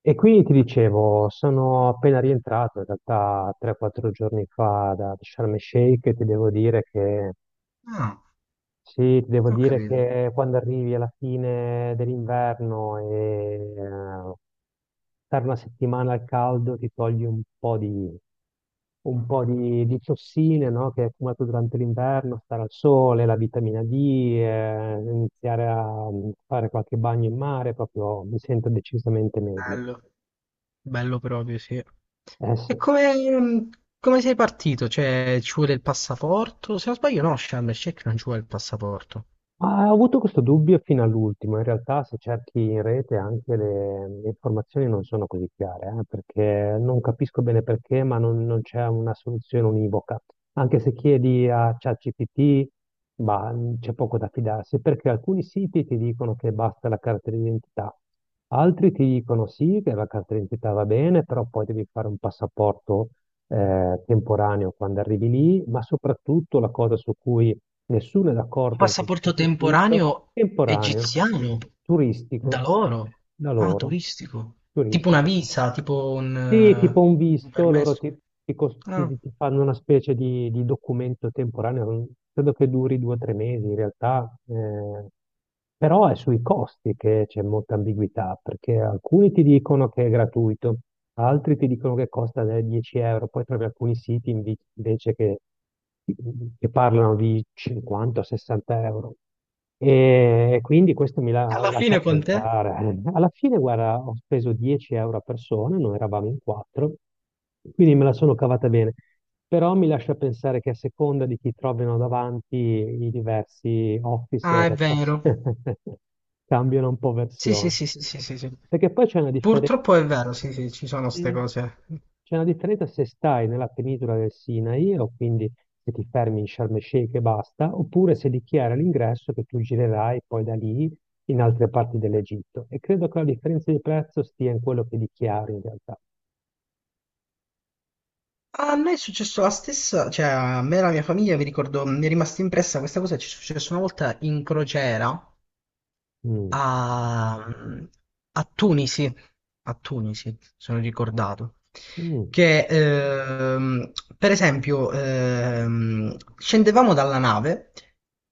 E quindi ti dicevo, sono appena rientrato in realtà 3-4 giorni fa da Sharm el Sheikh e ti devo dire che Ah, sì, ti devo ho dire capito. che quando arrivi alla fine dell'inverno e stare una settimana al caldo ti togli un po' di tossine, no, che hai accumulato durante l'inverno, stare al sole, la vitamina D, iniziare a fare qualche bagno in mare, proprio mi sento decisamente meglio. Bello, bello proprio, sì. E Eh sì. come sei partito? Cioè, ci vuole il passaporto? Se non sbaglio, no, Sharm el Sheikh non ci vuole il passaporto. Ma ho avuto questo dubbio fino all'ultimo, in realtà se cerchi in rete anche le informazioni non sono così chiare, perché non capisco bene perché, ma non c'è una soluzione univoca. Anche se chiedi a ChatGPT, bah, c'è poco da fidarsi, perché alcuni siti ti dicono che basta la carta d'identità, altri ti dicono sì, che la carta d'identità va bene, però poi devi fare un passaporto temporaneo quando arrivi lì, ma soprattutto la cosa su cui nessuno è Un d'accordo in passaporto qualsiasi sito, temporaneo temporaneo, egiziano? Da turistico, loro? da Ah, loro, turistico. Tipo una turistico. visa, tipo un, Sì, tipo un eh, un visto, loro permesso. ti, ti cos- Ah, ti- ti fanno una specie di documento temporaneo, credo che duri due o tre mesi in realtà, però è sui costi che c'è molta ambiguità, perché alcuni ti dicono che è gratuito, altri ti dicono che costa 10 euro, poi trovi alcuni siti invece che parlano di 50-60 euro. E quindi questo mi la- alla lascia fine con te? pensare. Alla fine, guarda, ho speso 10 euro a persona, noi eravamo in quattro, quindi me la sono cavata bene. Però mi lascia pensare che a seconda di chi trovano davanti i diversi Ah, è officer vero. cambiano un po' Sì, sì, versione. sì, sì, sì, sì, sì. Perché poi c'è una differenza, Purtroppo è vero, sì, sì, ci sono queste eh, cose. c'è una differenza se stai nella penisola del Sinai, o quindi se ti fermi in Sharm el Sheikh e basta, oppure se dichiara all'ingresso che tu girerai poi da lì in altre parti dell'Egitto. E credo che la differenza di prezzo stia in quello che dichiari in realtà. A me è successo la stessa, cioè a me e la mia famiglia, mi ricordo, mi è rimasta impressa questa cosa, ci è successo una volta in crociera, Mm, a, mh, a Tunisi, a Tunisi, sono ricordato, mm, che per esempio scendevamo dalla nave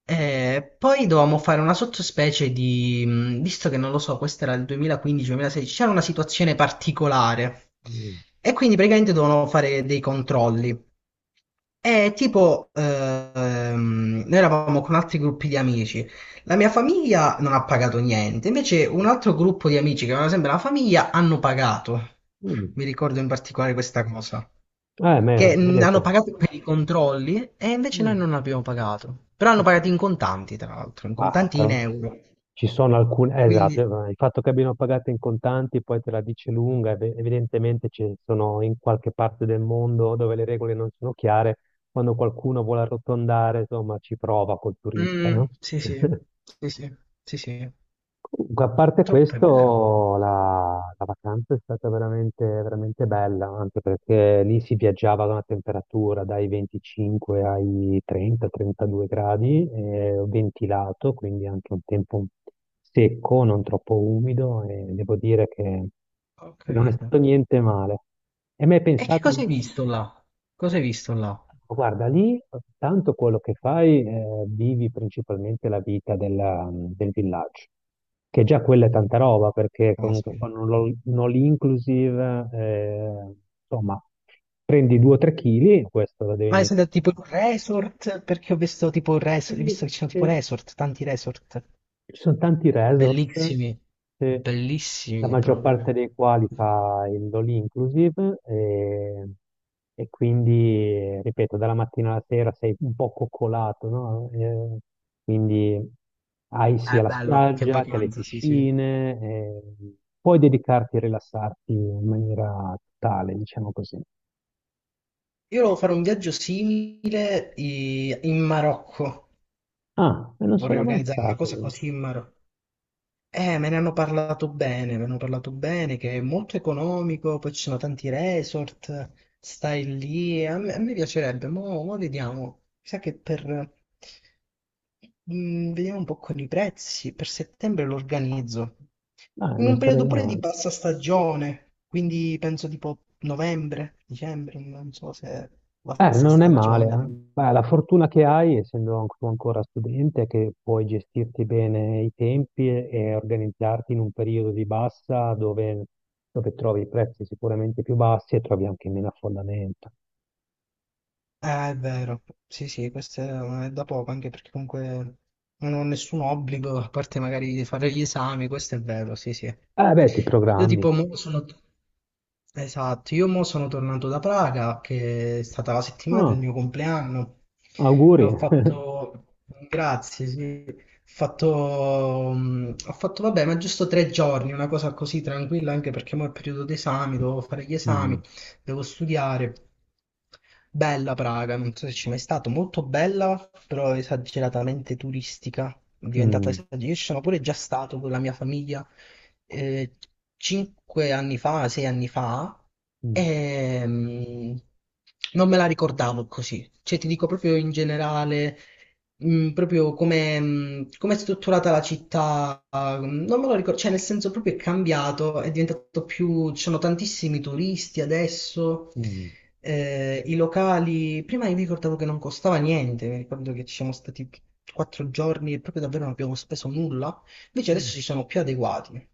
e poi dovevamo fare una sottospecie di visto che non lo so, questo era il 2015-2016, c'era una situazione particolare mm, e quindi praticamente dovevamo fare dei controlli. E tipo, noi eravamo con altri gruppi di amici, la mia famiglia non ha pagato niente, invece un altro gruppo di amici che avevano sempre la famiglia hanno pagato. mm. Mi ricordo in particolare questa cosa, Ma che si vede hanno qua. pagato per i controlli e invece Mm, noi non abbiamo pagato. Però ma hanno sì. pagato in contanti, tra l'altro, in Bah, contanti in però. euro. Ci sono alcune, Quindi, esatto, il fatto che abbiano pagato in contanti poi te la dice lunga, evidentemente ci sono in qualche parte del mondo dove le regole non sono chiare, quando qualcuno vuole arrotondare, insomma, ci prova col turista, no? sì, sì, sì, sì, sì, sì, Comunque, a parte troppo è vero. questo, la vacanza è stata veramente, veramente bella, anche perché lì si viaggiava ad una temperatura dai 25 ai 30-32 gradi, ventilato, quindi anche un tempo secco, non troppo umido, e devo dire che Ho che non è capito. stato niente male. E mi hai E che pensato di... cosa hai visto là? Cosa hai visto là? Guarda, lì tanto quello che fai, vivi principalmente la vita del villaggio, che già quella è tanta roba, perché comunque Caspita. con un un all-inclusive, insomma, prendi 2-3 kg, questo lo devi Ma è mettere. stato tipo in un resort, perché ho visto tipo un resort, visto che ci sono tipo Sì, resort, tanti resort, ci sono tanti resort, bellissimi, eh, la bellissimi maggior parte proprio. dei quali fa il all inclusive e quindi, ripeto, dalla mattina alla sera sei un po' coccolato, no? Quindi hai sia Ah, la bello, che spiaggia che le vacanza, sì, sì. Io piscine, puoi dedicarti e rilassarti in maniera totale, diciamo così. volevo fare un viaggio simile in Marocco, Ah, e non vorrei sono mai organizzare una stato cosa lì. così in Marocco. Me ne hanno parlato bene, me ne hanno parlato bene, che è molto economico, poi ci sono tanti resort, stai lì, a me piacerebbe, mo vediamo, mi sa che per, vediamo un po' con i prezzi, per settembre lo organizzo, Ah, in non un sarebbe periodo pure di male. bassa stagione, quindi penso tipo novembre, dicembre, non so se è bassa Non è male, stagione. eh. Beh, la fortuna che hai, essendo tu ancora studente, è che puoi gestirti bene i tempi e organizzarti in un periodo di bassa dove trovi i prezzi sicuramente più bassi e trovi anche meno affollamento. È vero. Sì, sì, questo è da poco, anche perché comunque non ho nessun obbligo, a parte magari di fare gli esami, questo è vero, sì, sì. Beh, ti Io programmi. tipo mo sono. Esatto, io mo sono tornato da Praga, che è stata la settimana del Ah, mio compleanno, e auguri. ho fatto. Grazie, sì. Ho fatto, vabbè, ma giusto 3 giorni, una cosa così tranquilla, anche perché mo è periodo d'esami, dovevo fare gli esami, Mm, devo studiare. Bella Praga, non so se ci è mai stato, molto bella, però esageratamente turistica, diventata mm, esagerata. Io ci sono pure già stato con la mia famiglia, eh, 5 anni fa, 6 anni fa, e non me la ricordavo così. Cioè, ti dico proprio in generale, proprio come è strutturata la città non me lo ricordo, cioè nel senso proprio è cambiato, è diventato più, ci sono tantissimi turisti adesso, mm, i locali, prima io mi ricordavo che non costava niente, mi ricordo che ci siamo stati 4 giorni e proprio davvero non abbiamo speso nulla, invece adesso mm. si sono più adeguati,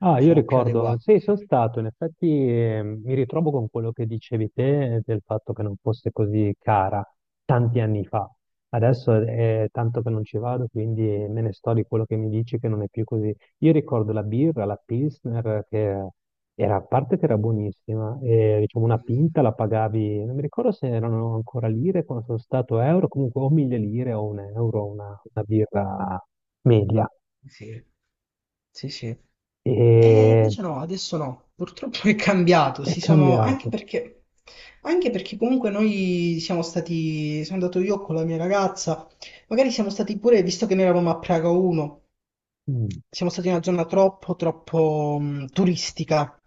Ah, io sono più ricordo, adeguati. sì, sono stato, in effetti mi ritrovo con quello che dicevi te del fatto che non fosse così cara tanti anni fa. Adesso è tanto che non ci vado, quindi me ne sto di quello che mi dici che non è più così. Io ricordo la birra, la Pilsner, che era, a parte che era buonissima, e, diciamo una pinta la pagavi, non mi ricordo se erano ancora lire, quando sono stato euro, comunque o mille lire o un euro, una birra media. Sì, sì, sì. E E invece no, adesso no, purtroppo è cambiato, è si sono, anche cambiato. perché, anche perché comunque noi siamo stati, sono andato io con la mia ragazza, magari siamo stati pure, visto che noi eravamo a Praga 1, Mm. siamo stati in una zona troppo, troppo turistica,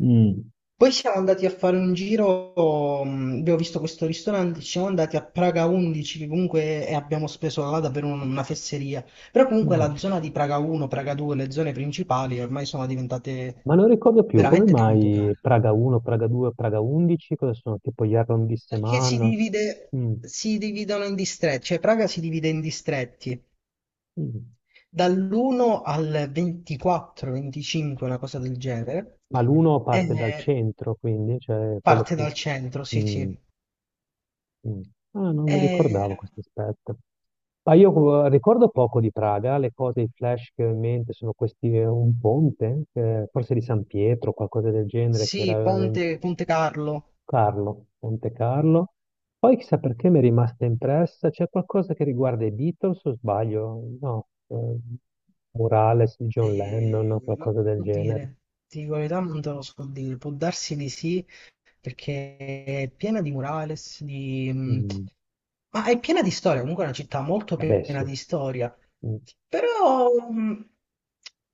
Mm. poi siamo andati a fare un giro, abbiamo visto questo ristorante, ci siamo andati a Praga 11, che comunque abbiamo speso là davvero una fesseria. Però comunque Mm. la zona di Praga 1, Praga 2, le zone principali ormai sono diventate Ma non ricordo più, come veramente tanto mai care. Praga 1, Praga 2, Praga 11, cosa sono? Tipo gli Perché si arrondissement? divide, Mm, si dividono in distretti, cioè Praga si divide in distretti mm. dall'1 al 24, 25, una cosa del genere. Ma l'uno parte dal E centro, quindi, cioè quello parte più... dal centro, sì, Mm, sì. mm. Ah, non mi ricordavo E questo aspetto. Ma io ricordo poco di Praga, le cose, i flash che ho in mente sono questi, un ponte, forse di San Pietro, qualcosa del genere, che era sì, veramente Ponte Carlo. Carlo, Monte Carlo. Poi chissà perché mi è rimasta impressa, c'è qualcosa che riguarda i Beatles o sbaglio? No, murales di John Lennon o Non qualcosa ti del so genere. dire, ti dico la verità, non te lo so dire. Può darsi di sì, perché è piena di murales, Mm, ma è piena di storia. Comunque è una città molto vabbè piena sì. di storia. Mm. Però, mm,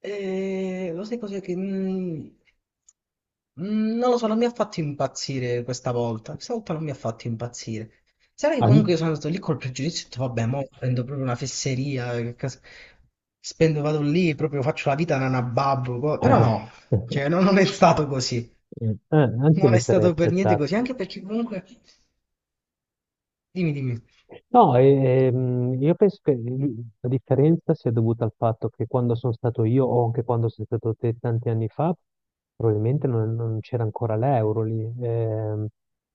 eh, lo sai cos'è che. Non lo so, non mi ha fatto impazzire questa volta. Questa volta non mi ha fatto impazzire. Sarà che comunque An- io sono andato lì col pregiudizio, ho detto, vabbè, mo prendo proprio una fesseria, che spendo, vado lì, proprio faccio la vita nana babbo, però no, cioè non è stato così, anche io non è mi sarei stato per niente aspettato. così, anche perché comunque, dimmi, dimmi, No, io penso che la differenza sia dovuta al fatto che quando sono stato io o anche quando sei stato te tanti anni fa, probabilmente non c'era ancora l'euro lì. Ehm,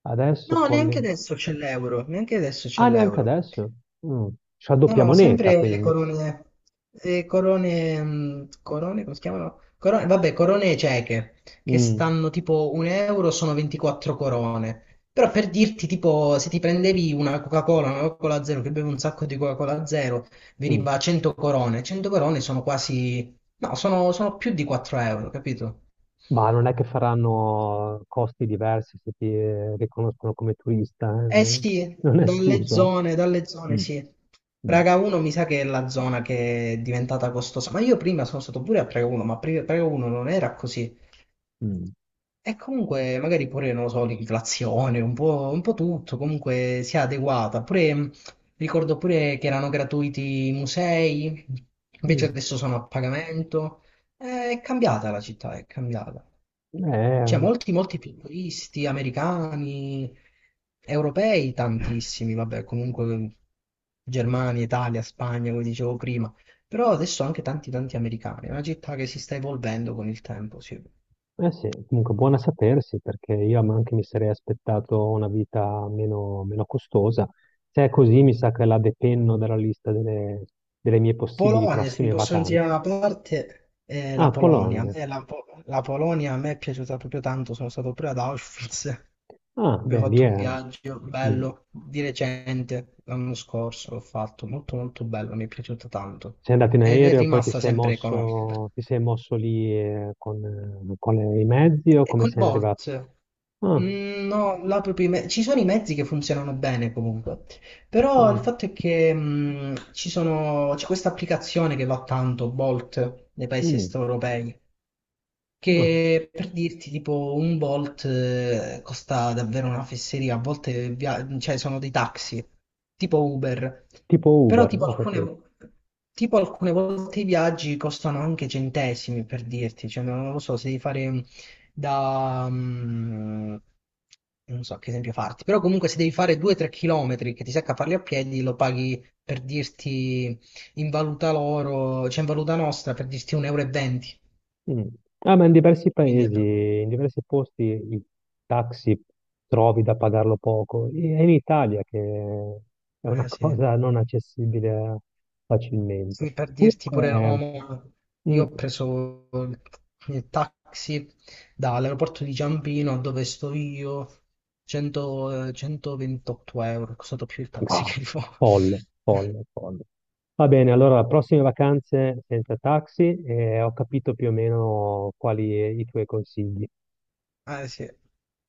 adesso no, con neanche le... adesso c'è l'euro, neanche adesso c'è Ah, neanche l'euro. adesso? Mm. C'è la No, doppia no, moneta, sempre quindi. Le corone, corone, come si chiamano? Corone, vabbè, corone cieche, che Mm, stanno tipo un euro, sono 24 corone. Però per dirti, tipo, se ti prendevi una Coca-Cola zero, che bevi un sacco di Coca-Cola zero, mm. veniva a 100 corone. 100 corone sono quasi. No, sono più di 4 euro, capito? Ma non è che faranno costi diversi se ti riconoscono come turista, Eh eh? sì, Non è escluso, dalle eh? zone Mm, sì. mm, Praga 1 mi sa che è la zona che è diventata costosa, ma io prima sono stato pure a Praga 1, ma Praga 1 non era così. mm, E comunque magari pure, non lo so, l'inflazione, un po' tutto, comunque si è adeguata. Pure, ricordo pure che erano gratuiti i musei, invece adesso sono a pagamento. È cambiata la città, è cambiata. mm. Cioè, molti, molti futuristi americani, europei, tantissimi, vabbè, comunque Germania, Italia, Spagna, come dicevo prima, però adesso anche tanti, tanti americani. È una città che si sta evolvendo con il tempo, sì. Eh sì, comunque buona sapersi perché io anche mi sarei aspettato una vita meno, meno costosa. Se è così, mi sa che la depenno dalla lista delle mie possibili Polonia, se ti prossime possono vacanze. tirare una parte, è la Ah, Polonia. A Polonia. me la Polonia a me è piaciuta proprio tanto, sono stato pure ad Auschwitz, Ah, beh, abbiamo lì fatto è... un viaggio mm, bello, di recente, l'anno scorso l'ho fatto, molto molto bello, mi è piaciuta tanto. Sei andato in Ed è aereo e poi ti rimasta sei sempre economica. mosso, ti sei mosso lì con i mezzi o come Con sei arrivato? Bolt. Ah, No, là proprio ci sono i mezzi che funzionano bene comunque, però il mm, fatto è che c'è questa applicazione che va tanto, Bolt, nei paesi est mm, europei, ah, che per dirti, tipo, un Bolt costa davvero una fesseria, a volte cioè, sono dei taxi, tipo Uber, tipo però Uber, tipo ho capito. alcune, tipo alcune volte i viaggi costano anche centesimi, per dirti, cioè, non lo so, se devi fare da... mm, non so che esempio farti, però comunque se devi fare 2-3 chilometri che ti secca farli a piedi, lo paghi per dirti in valuta loro, cioè in valuta nostra, per dirti 1,20 euro, e venti, Mm. Ah, ma in diversi quindi è proprio. paesi, in diversi posti i taxi trovi da pagarlo poco. È in Italia che è una Eh sì, cosa non accessibile sì, facilmente. per dirti pure Comunque, Roma, mm, io ho preso il taxi dall'aeroporto di Ciampino a dove sto io, 100, 128 euro, è costato più il taxi ah, che il volo. folle, folle, folle. Va bene, allora prossime vacanze senza taxi e ho capito più o meno quali i tuoi consigli. Eh sì,